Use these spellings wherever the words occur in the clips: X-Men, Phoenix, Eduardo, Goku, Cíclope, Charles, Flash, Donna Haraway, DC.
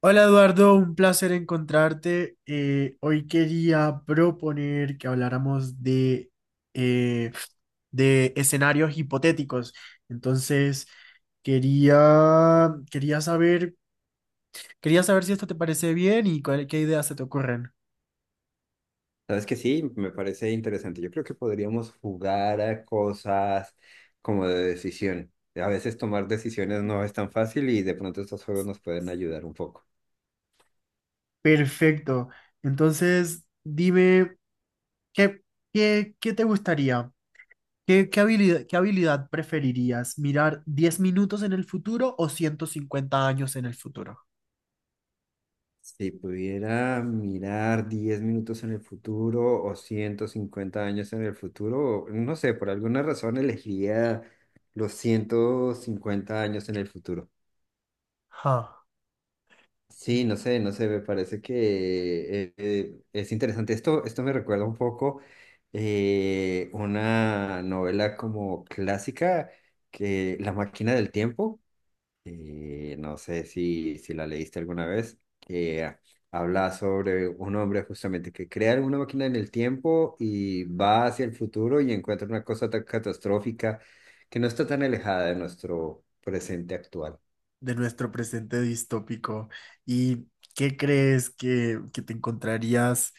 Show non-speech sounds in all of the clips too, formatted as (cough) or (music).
Hola Eduardo, un placer encontrarte. Hoy quería proponer que habláramos eh, de escenarios hipotéticos. Entonces, quería, quería saber, quería saber si esto te parece bien y qué ideas se te ocurren. Sabes que sí, me parece interesante. Yo creo que podríamos jugar a cosas como de decisión. A veces tomar decisiones no es tan fácil y de pronto estos juegos nos pueden ayudar un poco. Perfecto. Entonces, dime, ¿qué, qué te gustaría? ¿Qué habilidad preferirías? ¿Mirar 10 minutos en el futuro o 150 años en el futuro? Si pudiera mirar 10 minutos en el futuro o 150 años en el futuro, no sé, por alguna razón elegiría los 150 años en el futuro. Ja. Sí, no sé, no sé, me parece que es interesante. Esto me recuerda un poco una novela como clásica, que La máquina del tiempo, no sé si la leíste alguna vez, que habla sobre un hombre justamente que crea una máquina en el tiempo y va hacia el futuro y encuentra una cosa tan catastrófica que no está tan alejada de nuestro presente actual. De nuestro presente distópico. ¿Y qué crees que te encontrarías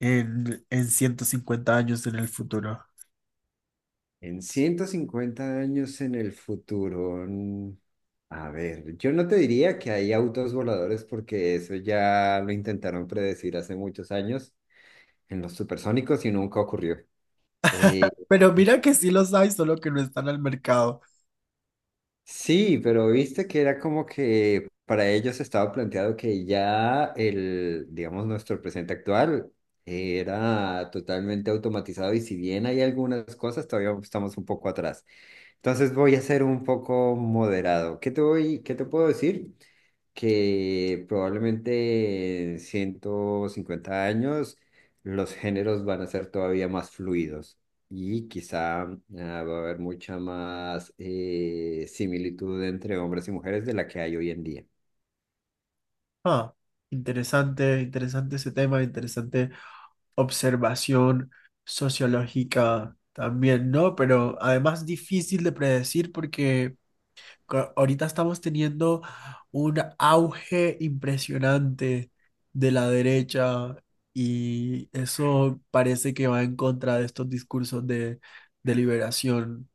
en 150 años en el futuro? En 150 años en el futuro, a ver, yo no te diría que hay autos voladores porque eso ya lo intentaron predecir hace muchos años en los supersónicos y nunca ocurrió. Eh, Pero mira que sí los hay, solo que no están al mercado. sí, pero viste que era como que para ellos estaba planteado que ya el, digamos, nuestro presente actual era totalmente automatizado y si bien hay algunas cosas, todavía estamos un poco atrás. Entonces voy a ser un poco moderado. ¿Qué te voy, qué te puedo decir? Que probablemente en 150 años los géneros van a ser todavía más fluidos y quizá va a haber mucha más similitud entre hombres y mujeres de la que hay hoy en día. Ah, interesante, interesante ese tema, interesante observación sociológica también, ¿no? Pero además difícil de predecir porque ahorita estamos teniendo un auge impresionante de la derecha y eso parece que va en contra de estos discursos de liberación.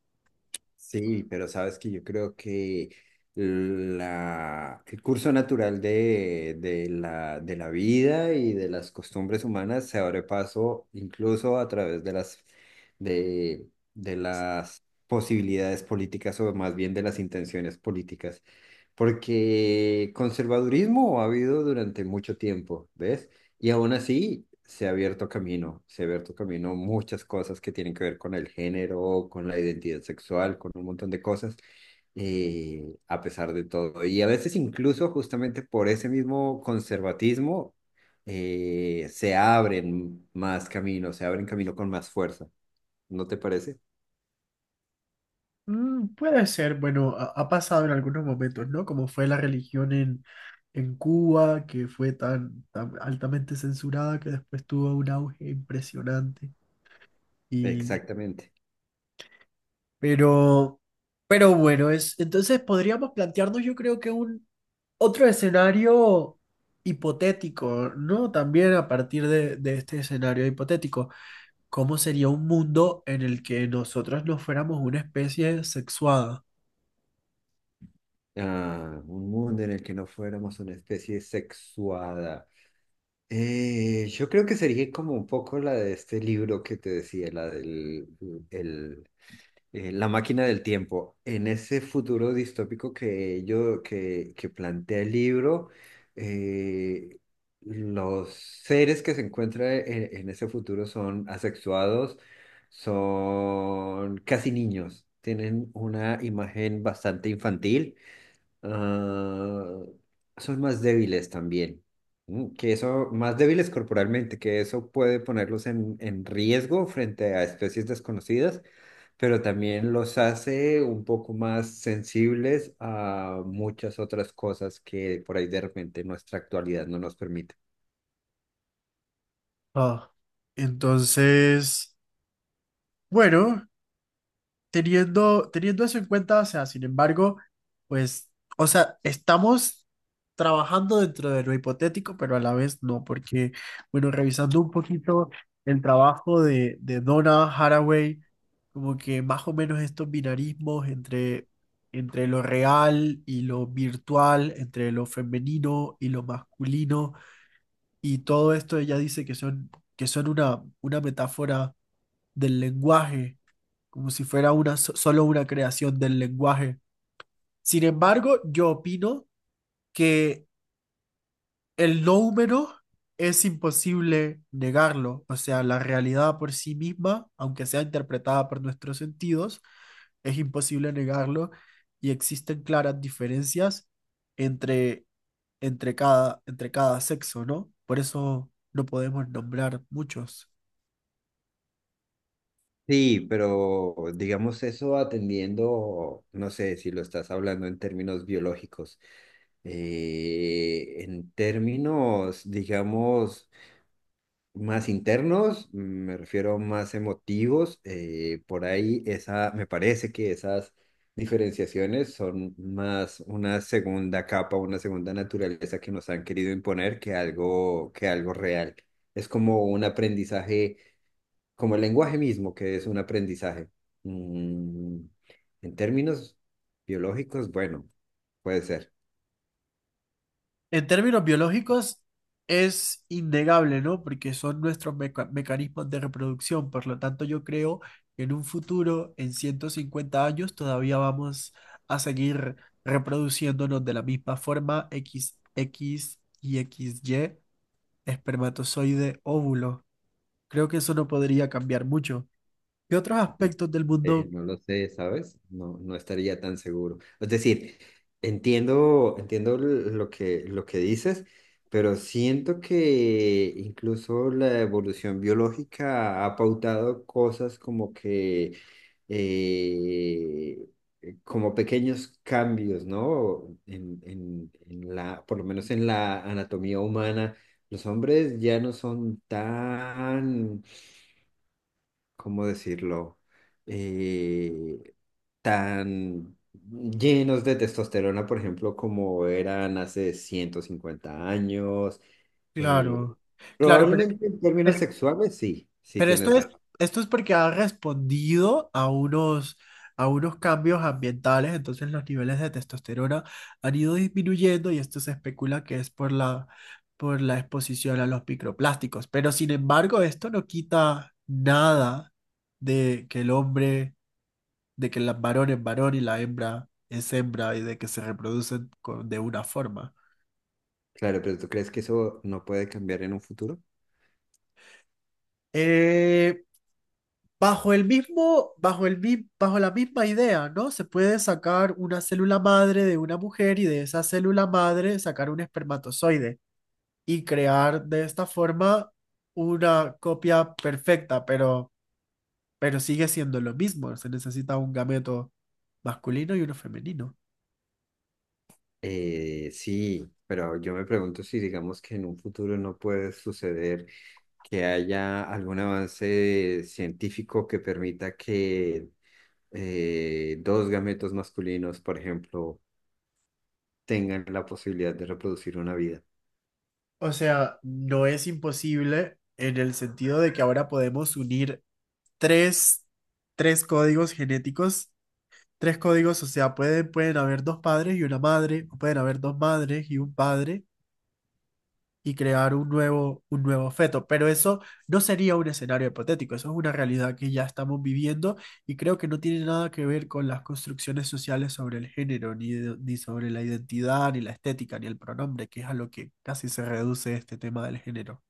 Sí, pero sabes que yo creo que el curso natural de la de la vida y de las costumbres humanas se abre paso incluso a través de de, de las posibilidades políticas o más bien de las intenciones políticas, porque conservadurismo ha habido durante mucho tiempo, ¿ves? Y aún así, se ha abierto camino, se ha abierto camino muchas cosas que tienen que ver con el género, con la identidad sexual, con un montón de cosas, a pesar de todo. Y a veces incluso justamente por ese mismo conservatismo, se abren más caminos, se abren camino con más fuerza. ¿No te parece? Puede ser, bueno, ha pasado en algunos momentos, ¿no? Como fue la religión en Cuba, que fue tan, tan altamente censurada que después tuvo un auge impresionante. Y, Exactamente. pero, pero bueno, entonces podríamos plantearnos, yo creo que un Otro escenario hipotético, ¿no? También a partir de este escenario hipotético, ¿cómo sería un mundo en el que nosotros no fuéramos una especie sexuada? Ah, un mundo en el que no fuéramos una especie sexuada. Yo creo que sería como un poco la de este libro que te decía, la del el, la máquina del tiempo. En ese futuro distópico que que plantea el libro, eh, los seres que se encuentran en ese futuro son asexuados, son casi niños, tienen una imagen bastante infantil. Ah, son más débiles también. Que eso, más débiles corporalmente, que eso puede ponerlos en riesgo frente a especies desconocidas, pero también los hace un poco más sensibles a muchas otras cosas que por ahí de repente nuestra actualidad no nos permite. Ah, entonces, bueno. Teniendo eso en cuenta, o sea, sin embargo, pues, o sea, estamos trabajando dentro de lo hipotético, pero a la vez no, porque, bueno, revisando un poquito el trabajo de Donna Haraway, como que más o menos estos binarismos entre lo real y lo virtual, entre lo femenino y lo masculino, y todo esto ella dice que son, una metáfora del lenguaje como si fuera solo una creación del lenguaje. Sin embargo, yo opino que el no humano es imposible negarlo, o sea, la realidad por sí misma, aunque sea interpretada por nuestros sentidos, es imposible negarlo y existen claras diferencias entre, entre cada sexo, ¿no? Por eso no podemos nombrar muchos. Sí, pero digamos eso atendiendo, no sé si lo estás hablando en términos biológicos, en términos, digamos, más internos, me refiero más emotivos. Por ahí esa, me parece que esas diferenciaciones son más una segunda capa, una segunda naturaleza que nos han querido imponer que algo real. Es como un aprendizaje, como el lenguaje mismo, que es un aprendizaje. Mm. En términos biológicos, bueno, puede ser. En términos biológicos, es innegable, ¿no? Porque son nuestros mecanismos de reproducción. Por lo tanto, yo creo que en un futuro, en 150 años, todavía vamos a seguir reproduciéndonos de la misma forma x x y x y espermatozoide, óvulo. Creo que eso no podría cambiar mucho. ¿Qué otros aspectos del mundo? No lo sé, ¿sabes? No, no estaría tan seguro. Es decir, entiendo, lo que dices, pero siento que incluso la evolución biológica ha pautado cosas como que, eh, como pequeños cambios, ¿no? En la, por lo menos en la anatomía humana, los hombres ya no son tan, ¿cómo decirlo? Eh, tan llenos de testosterona, por ejemplo, como eran hace 150 años. Eh, Claro, claro. Ah, probablemente en términos pero, sexuales, sí, sí Pero esto tienes es, razón. esto es porque ha respondido a unos, cambios ambientales, entonces los niveles de testosterona han ido disminuyendo y esto se especula que es por la exposición a los microplásticos. Pero sin embargo, esto no quita nada de que el hombre, de que el varón es varón y la hembra es hembra y de que se de una forma. Claro, pero ¿tú crees que eso no puede cambiar en un futuro? Eh, Bajo el mismo, bajo el, mi- bajo la misma idea, ¿no? Se puede sacar una célula madre de una mujer y de esa célula madre sacar un espermatozoide y crear de esta forma una copia perfecta, pero sigue siendo lo mismo. Se necesita un gameto masculino y uno femenino. Sí, pero yo me pregunto si digamos que en un futuro no puede suceder que haya algún avance científico que permita que dos gametos masculinos, por ejemplo, tengan la posibilidad de reproducir una vida. O sea, no es imposible en el sentido de que ahora podemos unir tres, tres códigos genéticos tres códigos, o sea, pueden haber dos padres y una madre, o pueden haber dos madres y un padre y crear un nuevo feto. Pero eso no sería un escenario hipotético, eso es una realidad que ya estamos viviendo y creo que no tiene nada que ver con las construcciones sociales sobre el género, ni sobre la identidad, ni la estética, ni el pronombre, que es a lo que casi se reduce este tema del género.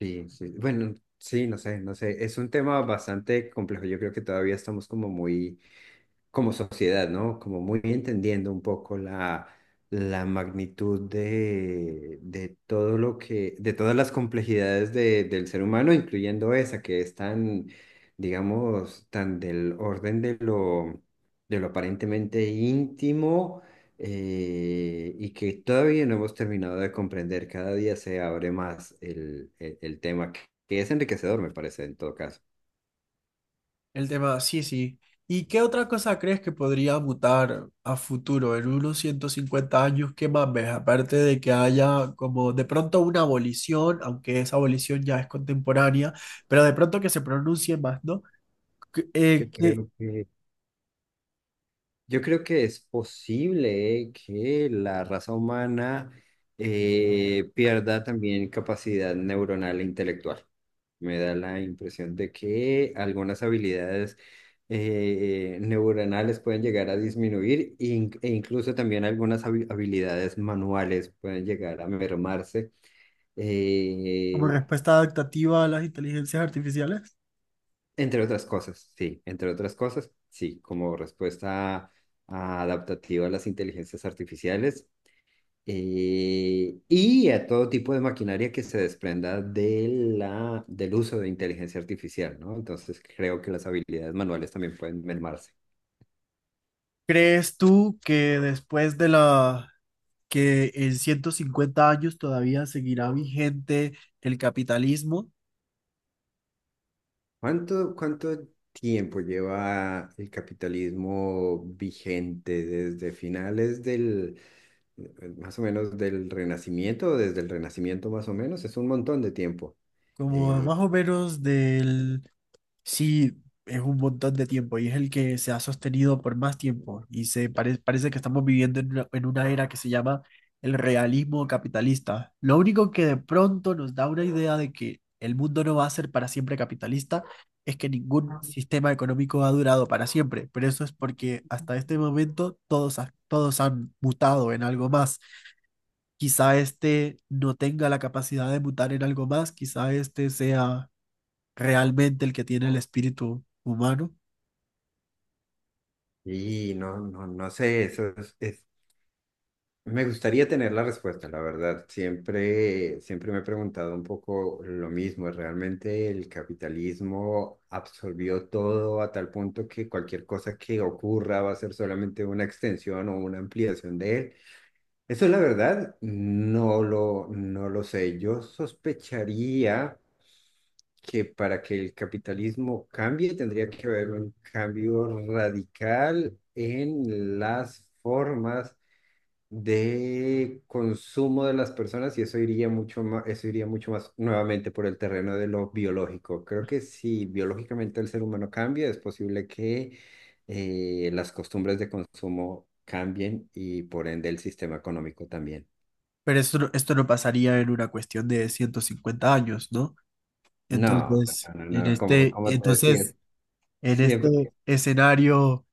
Sí, sí. Bueno, sí, no sé, no sé. Es un tema bastante complejo. Yo creo que todavía estamos como muy como sociedad, ¿no? Como muy entendiendo un poco la magnitud de todo lo que, de todas las complejidades de- del ser humano, incluyendo esa que es tan, digamos, tan del orden de de lo aparentemente íntimo. Y que todavía no hemos terminado de comprender, cada día se abre más el tema, que es enriquecedor, me parece, en todo caso. El tema, sí, sí. ¿Y qué otra cosa crees que podría mutar a futuro, en unos 150 años, qué más ves, aparte de que haya como de pronto una abolición, aunque esa abolición ya es contemporánea, pero de pronto que se pronuncie más, ¿no? Que- eh, Yo que- creo que Yo creo que es posible que la raza humana pierda también capacidad neuronal e intelectual. Me da la impresión de que algunas habilidades neuronales pueden llegar a disminuir e incluso también algunas habilidades manuales pueden llegar a mermarse, Como eh, respuesta adaptativa a las inteligencias artificiales. entre otras cosas, sí, entre otras cosas, sí, como respuesta adaptativa a las inteligencias artificiales, y a todo tipo de maquinaria que se desprenda de del uso de inteligencia artificial, ¿no? Entonces creo que las habilidades manuales también pueden mermarse. ¿Crees tú que después de que en 150 años todavía seguirá vigente el capitalismo? ¿Cuánto, cuánto tiempo lleva el capitalismo vigente desde finales del más o menos del Renacimiento, o desde el Renacimiento más o menos? Es un montón de tiempo. Como Eh, más o menos del. Sí, es un montón de tiempo y es el que se ha sostenido por más tiempo y se parece que estamos viviendo en una, era que se llama el realismo capitalista. Lo único que de pronto nos da una idea de que el mundo no va a ser para siempre capitalista es que ningún sistema económico ha durado para siempre, pero eso es porque hasta este momento todos han mutado en algo más. Quizá este no tenga la capacidad de mutar en algo más, quizá este sea realmente el que tiene el espíritu humano, y no sé, me gustaría tener la respuesta, la verdad. Siempre, siempre me he preguntado un poco lo mismo. ¿Realmente el capitalismo absorbió todo a tal punto que cualquier cosa que ocurra va a ser solamente una extensión o una ampliación de él? Eso, la verdad, no lo sé. Yo sospecharía que para que el capitalismo cambie tendría que haber un cambio radical en las formas de consumo de las personas y eso iría mucho más, eso iría mucho más nuevamente por el terreno de lo biológico. Creo que si biológicamente el ser humano cambia, es posible que las costumbres de consumo cambien y por ende el sistema económico también. pero esto no pasaría en una cuestión de 150 años, ¿no? No, Entonces, no, no, en no, como, este, como te decía, entonces, en siempre. este escenario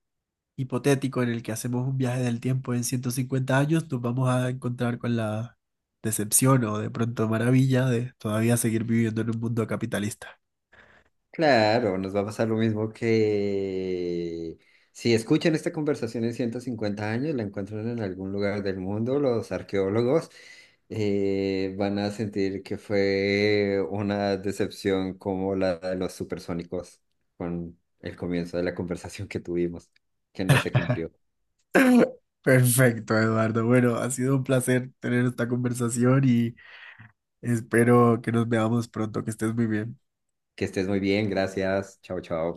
hipotético en el que hacemos un viaje del tiempo en 150 años, nos vamos a encontrar con la decepción o de pronto maravilla de todavía seguir viviendo en un mundo capitalista. (coughs) Claro, nos va a pasar lo mismo que si escuchan esta conversación en 150 años, la encuentran en algún lugar del mundo, los arqueólogos van a sentir que fue una decepción como la de los supersónicos con el comienzo de la conversación que tuvimos, que no se cumplió. (laughs) Perfecto, Eduardo. Bueno, ha sido un placer tener esta conversación y espero que nos veamos pronto, que estés muy bien. Que estés muy bien, gracias, chao, chao.